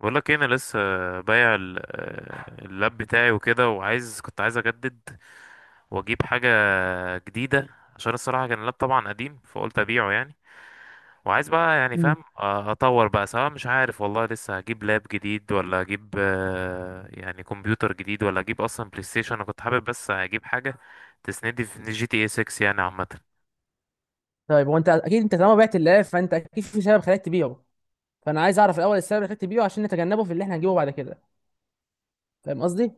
بقول لك إيه، انا لسه بايع اللاب بتاعي وكده كنت عايز اجدد واجيب حاجه جديده. عشان الصراحه كان اللاب طبعا قديم، فقلت ابيعه يعني وعايز بقى يعني مم. فاهم اطور بقى، سواء مش عارف والله. لسه هجيب لاب جديد، ولا اجيب يعني كمبيوتر جديد، ولا اجيب اصلا بلاي ستيشن. انا كنت حابب بس اجيب حاجه تسندي في جي تي اي 6 يعني، عامه. طيب هو انت اكيد انت طالما بعت الالف فانت اكيد في سبب خلاك تبيعه. فانا عايز اعرف الاول السبب اللي خلاك تبيعه عشان نتجنبه في اللي احنا هنجيبه بعد كده، فاهم قصدي؟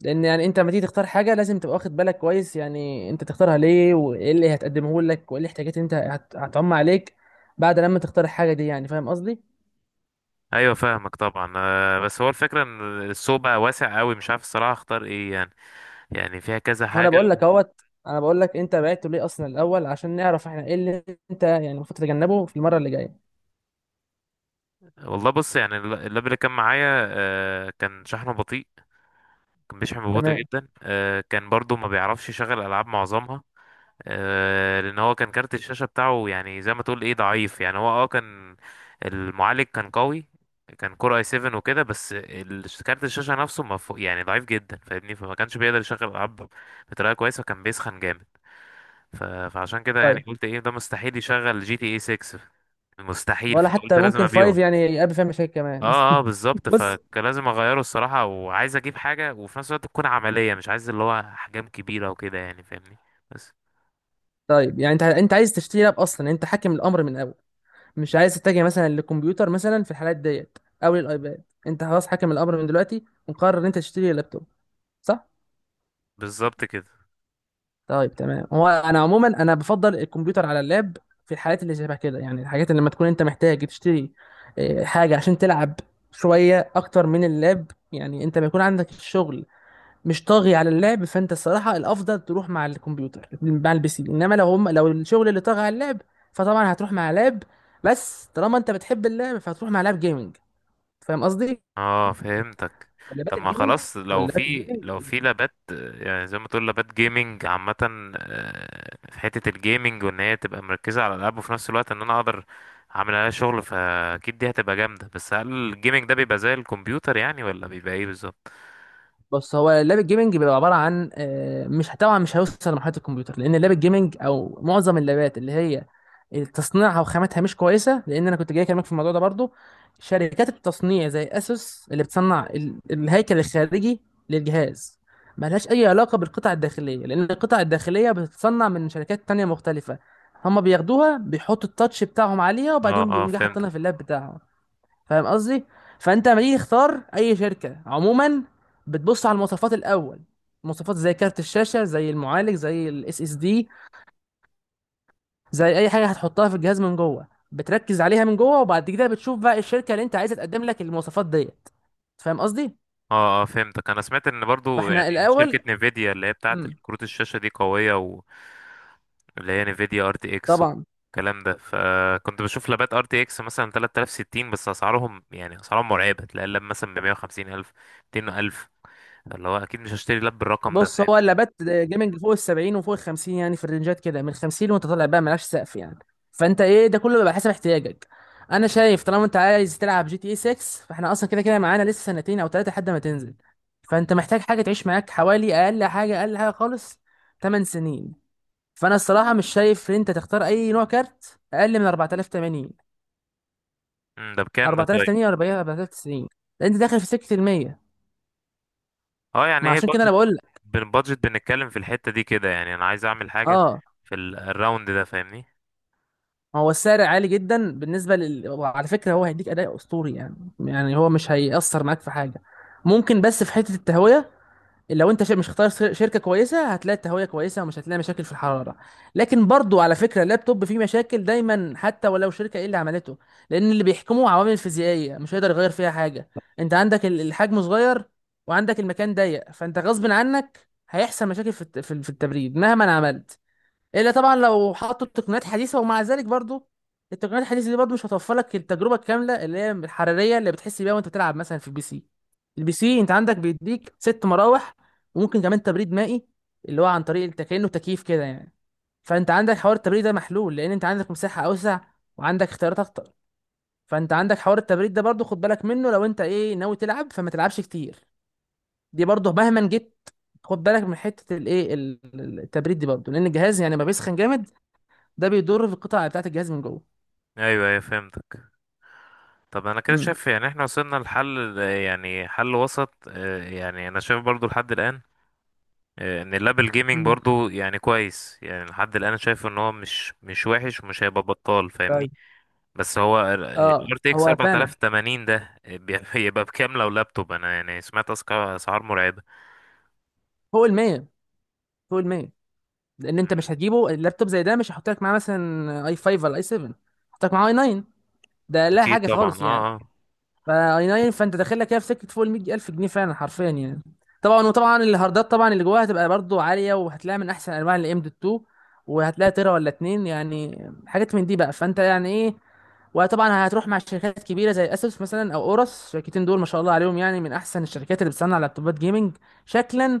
لان يعني انت لما تيجي تختار حاجه لازم تبقى واخد بالك كويس، يعني انت تختارها ليه وايه اللي هتقدمه لك وايه الاحتياجات اللي انت هتعم عليك بعد لما تختار الحاجه دي، يعني فاهم قصدي؟ ايوه فاهمك طبعا. بس هو الفكره ان السوق بقى واسع قوي، مش عارف الصراحه اختار ايه يعني فيها كذا وانا حاجه. بقول لك اهوت، انا بقول لك انت بعته ليه اصلا الاول عشان نعرف احنا ايه اللي انت يعني المفروض تتجنبه في المره اللي جايه. والله بص، يعني اللاب اللي كان معايا كان شحنه بطيء، كان بيشحن ببطء تمام، جدا. كان برضو ما بيعرفش يشغل العاب معظمها. لان هو كان كارت الشاشه بتاعه يعني زي ما تقول ايه ضعيف يعني. هو كان المعالج كان قوي، كان كور اي 7 وكده، بس كارت الشاشه نفسه ما فوق يعني، ضعيف جدا فاهمني. فما كانش بيقدر يشغل العاب بطريقه كويسه، وكان بيسخن جامد. فعشان كده يعني طيب. قلت ايه، ده مستحيل يشغل جي تي اي 6، مستحيل. ولا حتى فقلت لازم ممكن فايف ابيعه. يعني يقابل فيها مشاكل كمان. اه اه، بالظبط. بص، فكان لازم اغيره الصراحة، وعايز اجيب حاجة وفي نفس الوقت تكون عملية، مش عايز اللي هو احجام كبيرة وكده يعني فاهمني. بس. طيب يعني انت انت عايز تشتري لاب اصلا، يعني انت حاكم الامر من الاول، مش عايز تتجه مثلا للكمبيوتر مثلا في الحالات ديت او للايباد. انت خلاص حاكم الامر من دلوقتي ومقرر ان انت تشتري لابتوب، صح؟ بالظبط كده. طيب تمام. هو انا عموما انا بفضل الكمبيوتر على اللاب في الحالات اللي شبه كده، يعني الحاجات اللي لما تكون انت محتاج تشتري اه، حاجه عشان تلعب شويه اكتر من اللاب، يعني انت ما يكون عندك الشغل مش طاغي على اللعب، فانت الصراحه الافضل تروح مع الكمبيوتر، مع البي سي. انما لو هم لو الشغل اللي طاغي على اللعب فطبعا هتروح مع لاب. بس طالما انت بتحب اللعب فهتروح مع لاب جيمنج، فاهم قصدي؟ اه فهمتك. ولا بات طب ما الجيمنج، خلاص، ولا بات الجيمنج. لو في لابات يعني زي ما تقول لابات جيمنج عامة. في حتة الجيمنج وان هي تبقى مركزة على الالعاب، وفي نفس الوقت ان انا اقدر اعمل عليها شغل، فاكيد دي هتبقى جامدة. بس هل الجيمنج ده بيبقى زي الكمبيوتر يعني، ولا بيبقى ايه بالظبط؟ بص، هو اللاب الجيمنج بيبقى عباره عن مش، طبعا مش هيوصل لمرحله الكمبيوتر، لان اللاب الجيمنج او معظم اللابات اللي هي تصنيعها وخاماتها مش كويسه، لان انا كنت جاي اكلمك في الموضوع ده برضو. شركات التصنيع زي اسوس اللي بتصنع الهيكل الخارجي للجهاز ملهاش اي علاقه بالقطع الداخليه، لان القطع الداخليه بتتصنع من شركات تانية مختلفه. هما بياخدوها بيحطوا التاتش بتاعهم عليها اه وبعدين اه بيقوم جاي حاطينها في فهمتك. اللاب بتاعهم، فاهم قصدي؟ فانت لما تيجي تختار اي شركه عموما بتبص على المواصفات الاول، مواصفات زي كارت الشاشه، زي المعالج، زي الاس اس دي، زي اي حاجه هتحطها في الجهاز من جوه. بتركز عليها من جوه، وبعد كده بتشوف بقى الشركه اللي انت عايزه تقدم لك المواصفات ديت، فاهم قصدي؟ اه اه فهمتك. انا سمعت ان برضو يعني فاحنا الاول شركة نيفيديا اللي هي بتاعة امم كروت الشاشة دي قوية و اللي هي نيفيديا ار تي اكس طبعا. والكلام ده. فكنت بشوف لابات ار تي اكس مثلا 3060، بس اسعارهم يعني اسعارهم مرعبه. تلاقي اللاب مثلا ب 150,000 الف، 200,000، اللي هو اكيد مش هشتري لاب بالرقم ده بص، فاهم. هو اللابات جيمنج فوق ال 70 وفوق ال 50، يعني في الرينجات كده من 50 وانت طالع بقى، ملهاش سقف يعني. فانت ايه ده كله بيبقى حسب احتياجك. انا شايف طالما انت عايز تلعب جي تي اي 6، فاحنا اصلا كده كده معانا لسه سنتين او ثلاثه لحد ما تنزل، فانت محتاج حاجه تعيش معاك حوالي اقل حاجه، اقل حاجه خالص 8 سنين. فانا الصراحه مش شايف ان انت تختار اي نوع كارت اقل من 4080، ده بكام ده طيب؟ 4080 و 40 4090، لان انت داخل في سكه ال 100. اه يعني ما هي عشان كده انا البادجت. بقول لك بالبادجت بنتكلم في الحته دي كده يعني، انا عايز اعمل حاجه اه. في الراوند ده فاهمني. هو السعر عالي جدا بالنسبه وعلى فكره هو هيديك اداء اسطوري يعني، يعني هو مش هيأثر معاك في حاجه، ممكن بس في حته التهويه. لو انت مش اختار شركه كويسه هتلاقي التهويه كويسه ومش هتلاقي مشاكل في الحراره. لكن برضو على فكره اللابتوب فيه مشاكل دايما حتى ولو شركه ايه اللي عملته، لان اللي بيحكمه عوامل فيزيائيه مش هيقدر يغير فيها حاجه. انت عندك الحجم صغير وعندك المكان ضيق، فانت غصب عنك هيحصل مشاكل في في التبريد مهما عملت، الا طبعا لو حطوا تقنيات حديثه. ومع ذلك برضو التقنيات الحديثه دي برضو مش هتوفر لك التجربه الكامله اللي هي الحراريه اللي بتحس بيها وانت بتلعب مثلا في البي سي. البي سي انت عندك بيديك ست مراوح، وممكن كمان تبريد مائي اللي هو عن طريق انت كانه تكييف كده يعني. فانت عندك حوار التبريد ده محلول، لان انت عندك مساحه اوسع وعندك اختيارات اكتر. فانت عندك حوار التبريد ده برضو خد بالك منه، لو انت ايه ناوي تلعب فما تلعبش كتير. دي برضو مهما جيت خد بالك من حته الايه التبريد دي برضو، لان الجهاز يعني ما بيسخن جامد، ده بيضر في القطع بتاعت الجهاز من جوه. ايوه ايوه فهمتك. طب انا كده امم شايف يعني احنا وصلنا لحل، يعني حل وسط. يعني انا شايف برضو لحد الان، ان اللابل جيمنج مم. برضو يعني كويس يعني. لحد الان شايف ان هو مش وحش، ومش هيبقى بطال فاهمني. طيب. بس هو اه الار تي اكس هو فعلا 4080 ده بيبقى بكام لو لابتوب؟ انا يعني سمعت اسعار مرعبة. فوق ال 100، فوق ال 100، لان انت مم. مش هتجيبه اللابتوب زي ده. مش هحط لك معاه مثلا اي 5 ولا اي 7، هحط لك معاه اي 9. ده لا اكيد حاجه طبعا خالص يعني، اه. ما اي ناين. فانت داخل لك كده في سكه فوق ال 100000 جنيه فعلا، حرفيا يعني. طبعا، وطبعا الهاردات طبعا اللي جواها هتبقى برضو عاليه، وهتلاقي من احسن انواع الام دوت 2، وهتلاقي تيرا ولا اتنين يعني، حاجات من دي بقى، فانت يعني ايه. وطبعا هتروح مع شركات كبيره زي اسوس مثلا او اورس، الشركتين دول ما شاء الله عليهم، يعني من احسن الشركات اللي بتصنع لابتوبات جيمنج، شكلا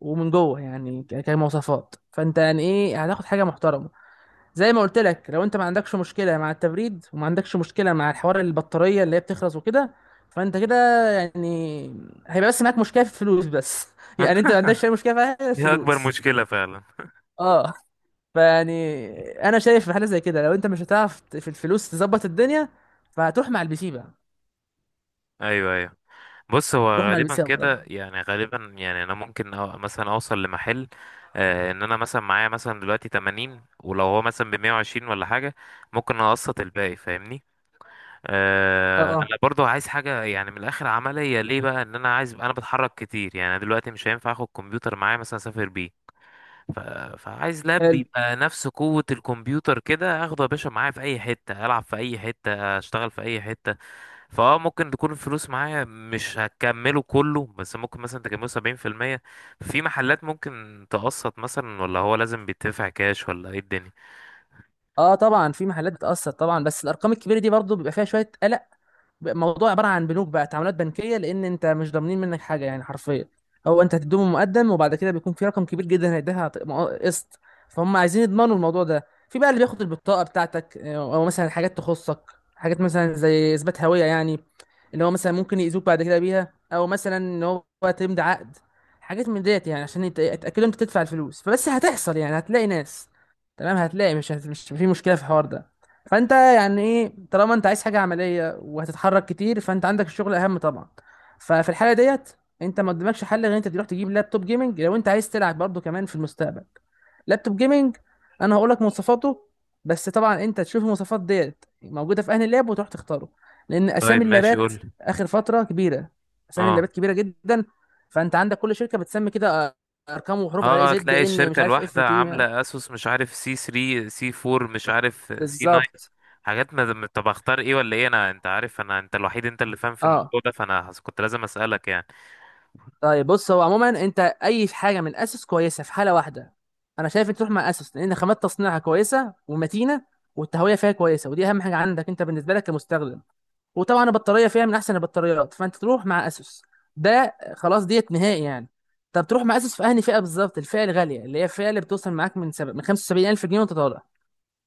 ومن جوه، يعني كمواصفات، فانت يعني ايه هتاخد حاجه محترمه. زي ما قلت لك، لو انت ما عندكش مشكله مع التبريد، وما عندكش مشكله مع الحوار البطاريه اللي هي بتخلص وكده، فانت كده يعني هيبقى بس معاك مشكله في الفلوس بس. اه يعني انت ما عندكش اي مشكله في حاجة غير دي اكبر الفلوس. مشكلة فعلا. اه. فيعني انا شايف في حاله زي كده، لو انت مش هتعرف في الفلوس تظبط الدنيا، فهتروح مع البي سي بقى. ايوه ايوه. بص، هو تروح مع البي غالبا سي افضل. كده يعني، غالبا يعني انا ممكن أو مثلا اوصل لمحل، آه ان انا مثلا معايا مثلا دلوقتي 80، ولو هو مثلا ب 120 ولا حاجه، ممكن اقسط الباقي فاهمني. آه انا اه، برضو عايز حاجه يعني من الاخر عمليه، ليه بقى؟ ان انا عايز، انا بتحرك كتير يعني. انا دلوقتي مش هينفع اخد كمبيوتر معايا مثلا اسافر بيه. ف... فعايز لاب حلو. يبقى نفس قوه الكمبيوتر كده، اخده يا باشا معايا في اي حته، العب في اي حته، اشتغل في اي حته. فاه ممكن تكون الفلوس معايا مش هكمله كله، بس ممكن مثلا تكمله 70%. في محلات ممكن تقسط مثلا، ولا هو لازم بيدفع كاش ولا ايه الدنيا؟ اه، طبعا في محلات بتاثر طبعا، بس الارقام الكبيره دي برضو بيبقى فيها شويه. الموضوع عباره عن بنوك بقى، تعاملات بنكيه، لان انت مش ضامنين منك حاجه يعني حرفيا. هو انت هتديهم مقدم، وبعد كده بيكون في رقم كبير جدا هيديها قسط، فهم عايزين يضمنوا الموضوع ده في بقى اللي بياخد البطاقه بتاعتك او مثلا حاجات تخصك، حاجات مثلا زي اثبات هويه يعني، اللي هو مثلا ممكن يأذوك بعد كده بيها، او مثلا ان هو تمضي عقد، حاجات من ديت يعني، عشان يتأكدوا انت تدفع الفلوس. فبس هتحصل يعني، هتلاقي ناس تمام، هتلاقي مش مش في مشكلة في الحوار ده. فانت يعني ايه، طالما انت عايز حاجة عملية وهتتحرك كتير، فانت عندك الشغل اهم طبعا. ففي الحالة ديت انت ما قدامكش حل غير انت تروح تجيب لابتوب جيمنج، لو انت عايز تلعب برضه كمان في المستقبل. لابتوب جيمنج، انا هقول لك مواصفاته، بس طبعا انت تشوف المواصفات ديت موجوده في اهل اللاب وتروح تختاره، لان طيب اسامي ماشي اللابات قول. اخر فتره كبيره، اسامي اه اللابات كبيره جدا. فانت عندك كل شركه بتسمي كده ارقام وحروف غريبه، اه، زد تلاقي ان مش الشركة عارف اف الواحدة تي يعني. عاملة اسوس مش عارف سي 3، سي 4، مش عارف سي 9. بالظبط حاجات، ما طب اختار ايه ولا ايه انا؟ انت عارف انا، انت الوحيد انت اللي فاهم في اه. الموضوع ده، فانا كنت لازم اسألك يعني. طيب بص، هو عموما انت اي حاجه من اسس كويسه في حاله واحده، انا شايف انت تروح مع اسس، لان خامات تصنيعها كويسه ومتينه، والتهويه فيها كويسه ودي اهم حاجه عندك انت بالنسبه لك كمستخدم، وطبعا البطاريه فيها من احسن البطاريات. فانت تروح مع اسس، ده خلاص ديت نهائي يعني. طب تروح مع اسس في انهي فئه بالظبط؟ الفئه الغاليه، اللي هي الفئه اللي بتوصل معاك من من 75000 جنيه وانت طالع،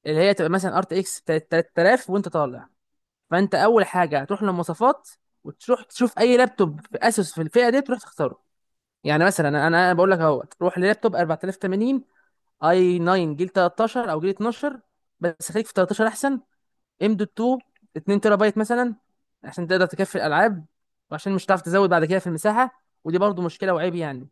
اللي هي تبقى مثلا ار تي اكس 3000 وانت طالع. فانت اول حاجه هتروح للمواصفات، وتروح تشوف اي لابتوب في اسوس في الفئه دي تروح تختاره. يعني مثلا انا بقول لك اهوت، روح للابتوب 4080، اي 9، جيل 13 او جيل 12، بس خليك في 13 احسن. ام دوت 2، 2 تيرا بايت مثلا، عشان تقدر تكفي الالعاب، وعشان مش هتعرف تزود بعد كده في المساحه، ودي برضو مشكله وعيب يعني.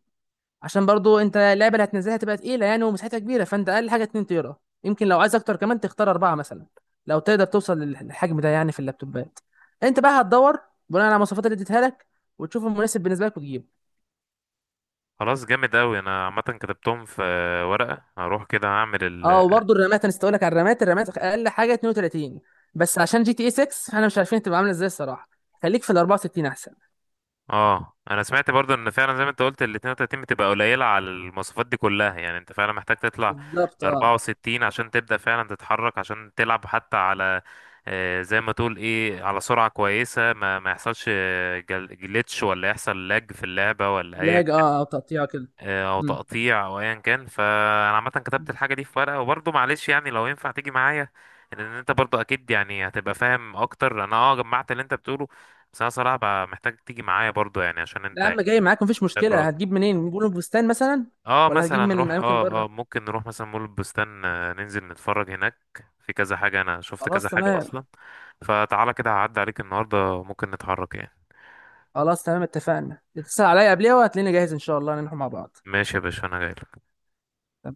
عشان برضو انت اللعبه اللي هتنزلها تبقى تقيله يعني ومساحتها كبيره، فانت اقل حاجه 2 تيرا. يمكن لو عايز اكتر كمان تختار اربعه مثلا، لو تقدر توصل للحجم ده يعني في اللابتوبات. انت بقى هتدور بناء على المواصفات اللي اديتها لك، وتشوف المناسب بالنسبه لك وتجيبه. خلاص جامد اوي. انا عامة كتبتهم في ورقة، هروح كده هعمل. اه، وبرضو الرامات انا لك على الرامات، الرامات اقل حاجه 32، بس عشان جي تي اي 6 احنا مش عارفين تبقى عامله ازاي الصراحه، خليك في ال 64 احسن. اه انا سمعت برضو ان فعلا زي ما انت قلت ال 32 بتبقى قليله على المواصفات دي كلها، يعني انت فعلا محتاج تطلع بالظبط ل اه. 64 عشان تبدا فعلا تتحرك، عشان تلعب حتى على زي ما تقول ايه على سرعه كويسه، ما يحصلش جليتش، ولا يحصل لاج في اللعبه ولا اي لاج اه، او تقطيع كده. او امم تقطيع، او ايا كان. فانا عامه كتبت الحاجه دي في ورقه، وبرضه معلش يعني لو ينفع تيجي معايا. لان انت برضه اكيد يعني هتبقى فاهم اكتر. انا جمعت اللي انت بتقوله، بس انا صراحه بقى محتاج تيجي معايا برضه يعني، عشان لا انت يا عم، يعني جاي معاك مفيش خبره مشكله. أكتر. هتجيب منين؟ من بلو بستان مثلا اه ولا هتجيب مثلا من نروح اماكن بره؟ ممكن نروح مثلا مول البستان. ننزل نتفرج هناك، في كذا حاجه انا شفت خلاص كذا حاجه تمام. اصلا. فتعالى كده هعدي عليك النهارده، ممكن نتحرك يعني. خلاص تمام، اتفقنا، تسأل عليا قبلها وهتلاقيني جاهز ان شاء الله نروح مع بعض. ماشي يا باشا انا جاي.